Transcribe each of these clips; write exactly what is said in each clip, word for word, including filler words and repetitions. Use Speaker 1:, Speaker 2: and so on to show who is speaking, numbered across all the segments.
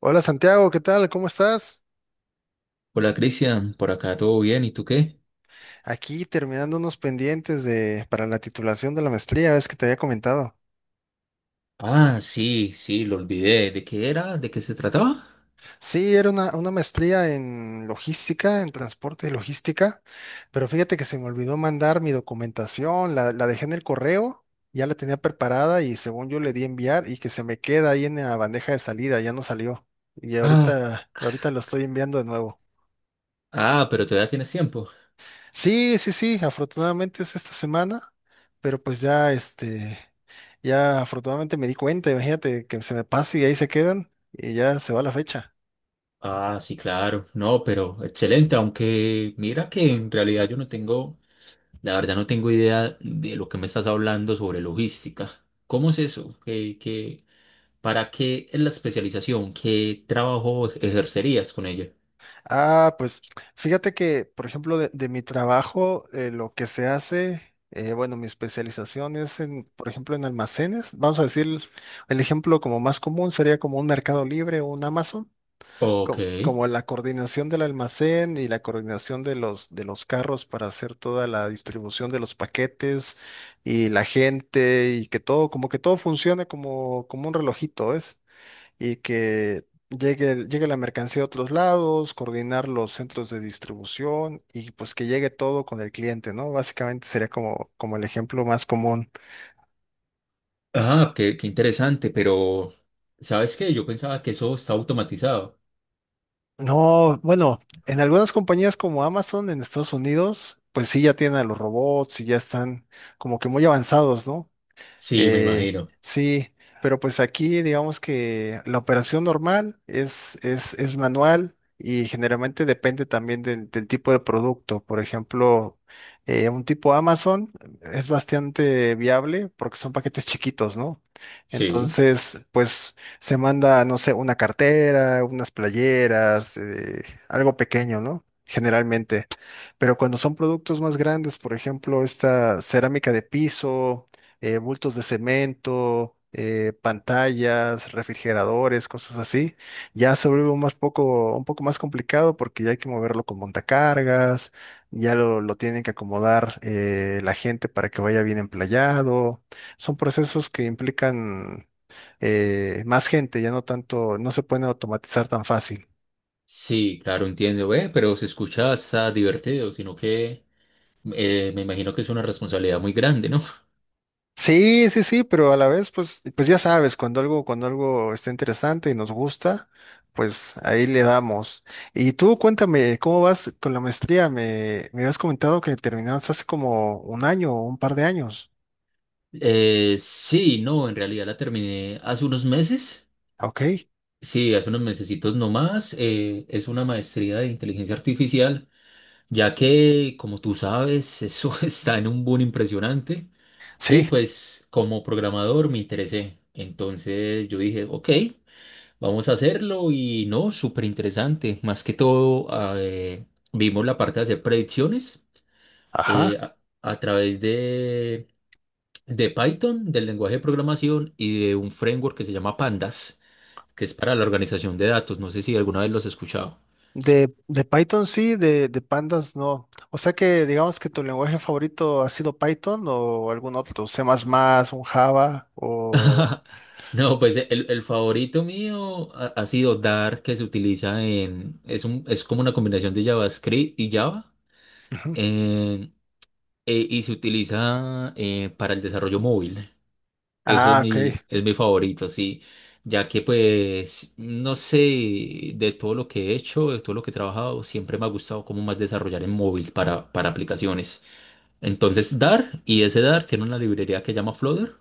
Speaker 1: Hola Santiago, ¿qué tal? ¿Cómo estás?
Speaker 2: Hola Cristian, por acá todo bien, ¿y tú qué?
Speaker 1: Aquí terminando unos pendientes de, para la titulación de la maestría, ves que te había comentado.
Speaker 2: Ah, sí, sí, lo olvidé. ¿De qué era? ¿De qué se trataba?
Speaker 1: Sí, era una, una maestría en logística, en transporte y logística, pero fíjate que se me olvidó mandar mi documentación, la, la dejé en el correo, ya la tenía preparada y según yo le di enviar y que se me queda ahí en la bandeja de salida, ya no salió. Y
Speaker 2: Ah,
Speaker 1: ahorita, y ahorita lo estoy enviando de nuevo.
Speaker 2: ah, pero todavía tienes tiempo.
Speaker 1: Sí, sí, sí, afortunadamente es esta semana, pero pues ya este. Ya afortunadamente me di cuenta, imagínate que se me pase y ahí se quedan y ya se va la fecha.
Speaker 2: Ah, sí, claro. No, pero excelente, aunque mira que en realidad yo no tengo, la verdad no tengo idea de lo que me estás hablando sobre logística. ¿Cómo es eso? ¿Qué, qué, para qué es la especialización? ¿Qué trabajo ejercerías con ella?
Speaker 1: Ah, pues fíjate que, por ejemplo, de, de mi trabajo, eh, lo que se hace, eh, bueno, mi especialización es en, por ejemplo, en almacenes. Vamos a decir, el ejemplo como más común sería como un Mercado Libre o un Amazon.
Speaker 2: Ok.
Speaker 1: co- como la coordinación del almacén y la coordinación de los, de los carros para hacer toda la distribución de los paquetes y la gente y que todo, como que todo funcione como, como un relojito, ¿ves? Y que llegue, el- llegue la mercancía a otros lados, coordinar los centros de distribución y pues que llegue todo con el cliente, ¿no? Básicamente sería como, como el ejemplo más común.
Speaker 2: Ah, qué, qué interesante, pero ¿sabes qué? Yo pensaba que eso está automatizado.
Speaker 1: No, bueno, en algunas compañías como Amazon en Estados Unidos, pues sí ya tienen a los robots y ya están como que muy avanzados, ¿no?
Speaker 2: Sí, me
Speaker 1: Eh,
Speaker 2: imagino.
Speaker 1: sí, pero pues aquí digamos que la operación normal es, es, es manual y generalmente depende también del, del tipo de producto. Por ejemplo, eh, un tipo Amazon es bastante viable porque son paquetes chiquitos, ¿no?
Speaker 2: Sí,
Speaker 1: Entonces, pues se manda, no sé, una cartera, unas playeras, eh, algo pequeño, ¿no? Generalmente. Pero cuando son productos más grandes, por ejemplo, esta cerámica de piso, eh, bultos de cemento, eh, pantallas, refrigeradores, cosas así. Ya se vuelve un más poco, un poco más complicado porque ya hay que moverlo con montacargas, ya lo, lo tienen que acomodar eh, la gente para que vaya bien emplayado. Son procesos que implican eh, más gente, ya no tanto, no se pueden automatizar tan fácil.
Speaker 2: sí, claro, entiendo, ve, pero se escucha hasta divertido, sino que eh, me imagino que es una responsabilidad muy grande, ¿no?
Speaker 1: Sí, sí, sí, pero a la vez, pues, pues ya sabes, cuando algo, cuando algo está interesante y nos gusta, pues ahí le damos. Y tú cuéntame, ¿cómo vas con la maestría? Me, me habías comentado que terminaste hace como un año o un par de años.
Speaker 2: Eh, sí, no, en realidad la terminé hace unos meses,
Speaker 1: Ok,
Speaker 2: sí, hace unos mesecitos nomás, eh, es una maestría de inteligencia artificial, ya que, como tú sabes, eso está en un boom impresionante y
Speaker 1: sí,
Speaker 2: pues como programador me interesé, entonces yo dije, ok. Vamos a hacerlo y no, súper interesante. Más que todo, ah, eh, vimos la parte de hacer predicciones
Speaker 1: ajá.
Speaker 2: eh, a, a través de, de Python, del lenguaje de programación y de un framework que se llama Pandas, que es para la organización de datos. No sé si alguna vez los he escuchado.
Speaker 1: De, de Python sí, de, de Pandas no. O sea que
Speaker 2: S-
Speaker 1: digamos que tu lenguaje favorito ha sido Python o algún otro, C++, un Java o...
Speaker 2: No, pues eh, el, el favorito mío ha, ha sido Dart, que se utiliza en, es un, es como una combinación de JavaScript y Java,
Speaker 1: Ujú.
Speaker 2: en- eh, y se utiliza eh, para el desarrollo móvil. Eso es
Speaker 1: Ah, ok,
Speaker 2: mi, es mi favorito, sí, ya que pues, no sé, de todo lo que he hecho, de todo lo que he trabajado, siempre me ha gustado como más desarrollar en móvil para, para aplicaciones. Entonces, Dart, y ese Dart tiene una librería que llama Flutter,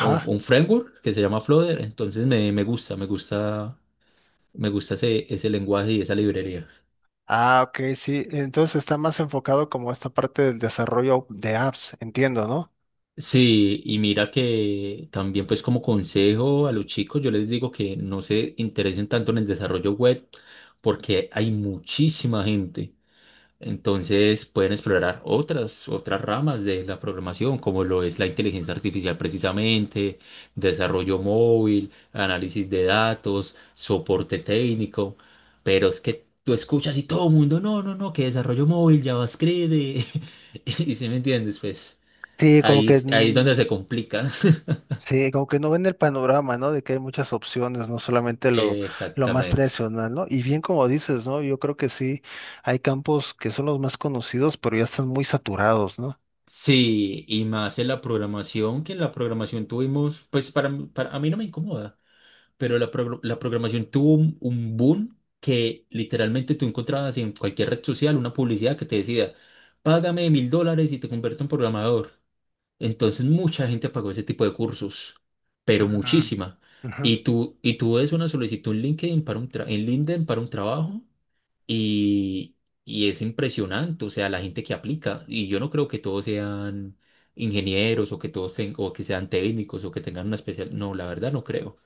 Speaker 2: o un, un framework que se llama Flutter, entonces me, me gusta, me gusta, me gusta ese, ese lenguaje y esa librería.
Speaker 1: Ah, ok, sí. Entonces está más enfocado como esta parte del desarrollo de apps, entiendo, ¿no?
Speaker 2: Sí, y mira que también pues como consejo a los chicos, yo les digo que no se interesen tanto en el desarrollo web porque hay muchísima gente. Entonces pueden explorar otras, otras ramas de la programación, como lo es la inteligencia artificial precisamente, desarrollo móvil, análisis de datos, soporte técnico. Pero es que tú escuchas y todo el mundo, no, no, no, que desarrollo móvil, JavaScript, y, y si me entiendes, pues.
Speaker 1: Sí, como
Speaker 2: Ahí,
Speaker 1: que
Speaker 2: ahí es donde
Speaker 1: mm,
Speaker 2: se complica.
Speaker 1: sí, como que no ven el panorama, ¿no? De que hay muchas opciones, no solamente lo, lo más
Speaker 2: Exactamente.
Speaker 1: tradicional, ¿no? Y bien como dices, ¿no? Yo creo que sí, hay campos que son los más conocidos, pero ya están muy saturados, ¿no?
Speaker 2: Sí, y más en la programación, que en la programación tuvimos, pues para, mí- para a mí no me incomoda, pero la, progr- la programación tuvo un, un boom que literalmente tú encontrabas en cualquier red social una publicidad que te decía, págame mil dólares y te convierto en programador. Entonces mucha gente pagó ese tipo de cursos, pero
Speaker 1: Mm,
Speaker 2: muchísima.
Speaker 1: ujú.
Speaker 2: Y tú, y tú ves una solicitud en LinkedIn para un tra- en LinkedIn para un trabajo y, y es impresionante, o sea, la gente que aplica. Y yo no creo que todos sean ingenieros o que todos ten- o que sean técnicos o que tengan una especial. No, la verdad no creo.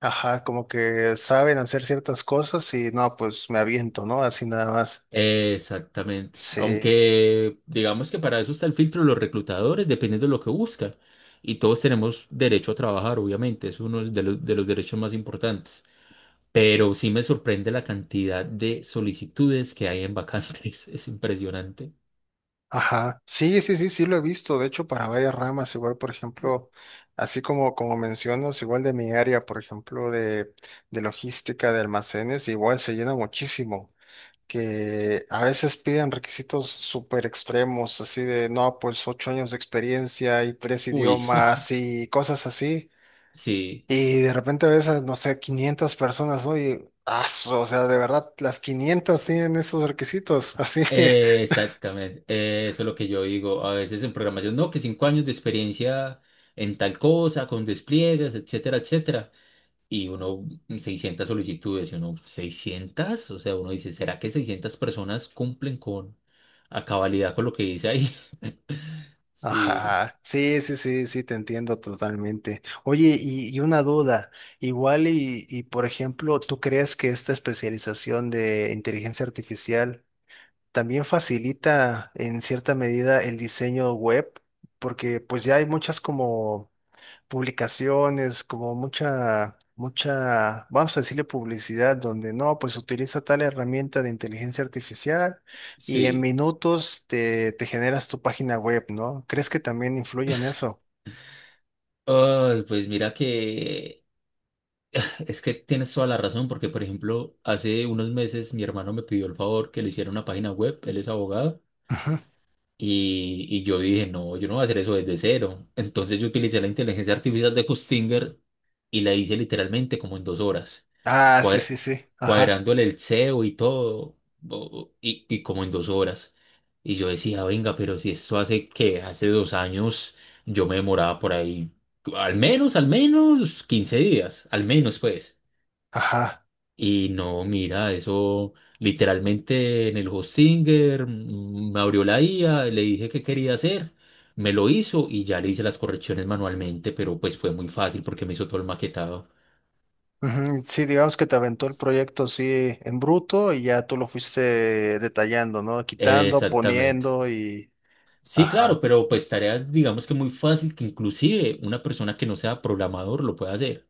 Speaker 1: Ajá, como que saben hacer ciertas cosas y no, pues me aviento, ¿no? Así nada más.
Speaker 2: Exactamente.
Speaker 1: Sí.
Speaker 2: Aunque digamos que para eso está el filtro de los reclutadores, dependiendo de lo que buscan. Y todos tenemos derecho a trabajar, obviamente, es uno de los, de los derechos más importantes. Pero sí me sorprende la cantidad de solicitudes que hay en vacantes, es impresionante.
Speaker 1: Ajá. Sí, sí, sí, sí lo he visto. De hecho, para varias ramas, igual, por ejemplo, así como, como mencionas, igual de mi área, por ejemplo, de, de logística, de almacenes, igual se llena muchísimo. Que a veces piden requisitos súper extremos, así de, no, pues ocho años de experiencia y tres
Speaker 2: Uy,
Speaker 1: idiomas y cosas así.
Speaker 2: sí,
Speaker 1: Y de repente ves a, no sé, quinientas personas, ¿no? Y, aso, o sea, de verdad, las quinientas tienen esos requisitos, así.
Speaker 2: exactamente. eh, Eso es lo que yo digo a veces en programación, no, que cinco años de experiencia en tal cosa, con despliegues, etcétera, etcétera. Y uno, mm, seiscientas solicitudes, y uno, seiscientas o sea, uno dice, ¿será que seiscientas personas cumplen con a cabalidad con lo que dice ahí? Sí.
Speaker 1: Ajá, sí, sí, sí, sí, te entiendo totalmente. Oye, y, y una duda, igual y, y, por ejemplo, ¿tú crees que esta especialización de inteligencia artificial también facilita en cierta medida el diseño web? Porque pues ya hay muchas como publicaciones, como mucha, mucha, vamos a decirle publicidad, donde no, pues utiliza tal herramienta de inteligencia artificial y en
Speaker 2: Sí,
Speaker 1: minutos te, te generas tu página web, ¿no? ¿Crees que también influye en eso?
Speaker 2: ay, pues mira que es que tienes toda la razón, porque por ejemplo, hace unos meses mi hermano me pidió el favor que le hiciera una página web, él es abogado.
Speaker 1: Ujú.
Speaker 2: Y, y yo dije, no, yo no voy a hacer eso desde cero. Entonces yo utilicé la inteligencia artificial de Kustinger y la hice literalmente como en dos horas,
Speaker 1: Ah, sí,
Speaker 2: cuadra-
Speaker 1: sí, sí, ajá,
Speaker 2: cuadrándole el SEO y todo, o- y, y como en dos horas. Y yo decía, venga, pero si esto hace que hace dos años yo me demoraba por ahí, al menos, al menos quince días, al menos pues.
Speaker 1: ajá.
Speaker 2: Y no, mira, eso literalmente en el Hostinger mm, me abrió la I A, le dije qué quería hacer, me lo hizo y ya le hice las correcciones manualmente, pero pues fue muy fácil porque me hizo todo el maquetado.
Speaker 1: Ujú, sí, digamos que te aventó el proyecto así en bruto y ya tú lo fuiste detallando, ¿no? Quitando,
Speaker 2: Exactamente.
Speaker 1: poniendo y...
Speaker 2: Sí,
Speaker 1: Ajá.
Speaker 2: claro, pero pues tareas digamos que muy fácil que inclusive una persona que no sea programador lo puede hacer.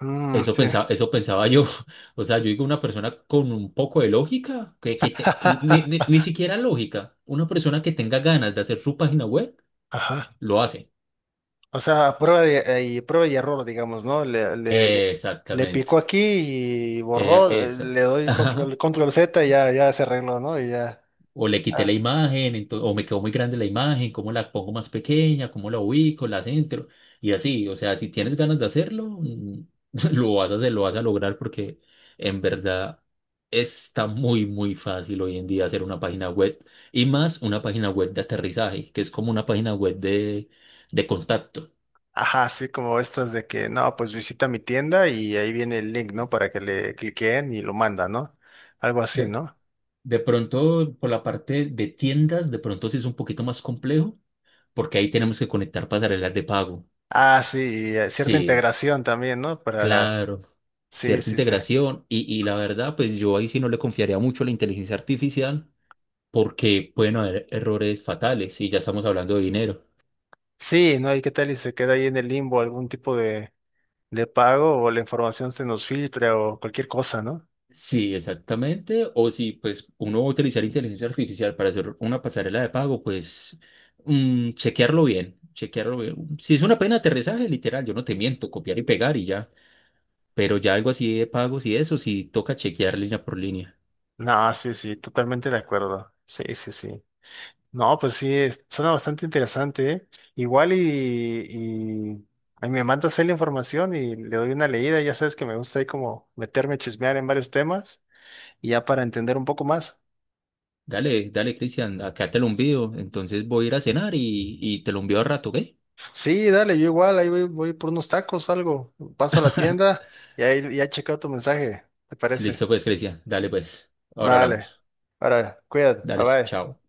Speaker 1: Mm,
Speaker 2: Eso
Speaker 1: sí.
Speaker 2: pensaba, eso pensaba yo. O sea, yo digo una persona con un poco de lógica, que, que te- ni, ni ni siquiera lógica, una persona que tenga ganas de hacer su página web.
Speaker 1: Ajá.
Speaker 2: Lo hace.
Speaker 1: O sea, prueba de, eh, y prueba y error, digamos, ¿no? Le, le, le- le picó
Speaker 2: Exactamente.
Speaker 1: aquí y
Speaker 2: Eh,
Speaker 1: borró, eh,
Speaker 2: esa.
Speaker 1: le doy control,
Speaker 2: Ajá.
Speaker 1: control Z y ya, ya se arregló, ¿no? Y ya.
Speaker 2: O le quité la
Speaker 1: as-
Speaker 2: imagen, ento- o me quedó muy grande la imagen, cómo la pongo más pequeña, cómo la ubico, la centro. Y así, o sea, si tienes ganas de hacerlo, mm, lo vas a hacer, lo vas a lograr porque en verdad está muy, muy fácil hoy en día hacer una página web y más una página web de aterrizaje, que es como una página web de, de, contacto.
Speaker 1: Ajá, así como estas de que, no, pues visita mi tienda y ahí viene el link, ¿no? Para que le cliquen y lo manda, ¿no? Algo así,
Speaker 2: De,
Speaker 1: ¿no?
Speaker 2: de pronto, por la parte de tiendas, de pronto sí es un poquito más complejo porque ahí tenemos que conectar pasarelas de pago.
Speaker 1: Ah, sí, y eh, cierta
Speaker 2: Sí,
Speaker 1: integración también, ¿no? Para,
Speaker 2: claro,
Speaker 1: sí,
Speaker 2: cierta
Speaker 1: sí, sí.
Speaker 2: integración y, y la verdad, pues yo ahí sí no le confiaría mucho a la inteligencia artificial porque pueden haber errores fatales y ya estamos hablando de dinero.
Speaker 1: Sí, ¿no? ¿Y qué tal? Y se queda ahí en el limbo algún tipo de, de pago o la información se nos filtra o cualquier cosa, ¿no?
Speaker 2: Sí, exactamente. O si pues uno va a utilizar inteligencia artificial para hacer una pasarela de pago, pues mm, chequearlo bien, chequearlo bien. Si es una pena de aterrizaje, literal, yo no te miento, copiar y pegar y ya. Pero ya algo así de pagos y eso, sí toca chequear línea por línea.
Speaker 1: No, sí, sí, totalmente de acuerdo. Sí, sí, sí. No, pues sí, es- suena bastante interesante, ¿eh? Igual y, y ahí me mandas ahí la información y le doy una leída. Ya sabes que me gusta ahí como meterme a chismear en varios temas y ya para entender un poco más.
Speaker 2: Dale, dale, Cristian, acá te lo envío. Entonces voy a ir a cenar y, y te lo envío al rato, ¿ok?
Speaker 1: Sí, dale, yo igual, ahí voy, voy por unos tacos, algo. Paso a la tienda y ahí ya he checado tu mensaje, ¿te parece?
Speaker 2: Listo, pues, Cristian. Dale, pues. Ahora
Speaker 1: Vale.
Speaker 2: hablamos.
Speaker 1: Ahora, cuídate, bye
Speaker 2: Dale,
Speaker 1: bye.
Speaker 2: chao.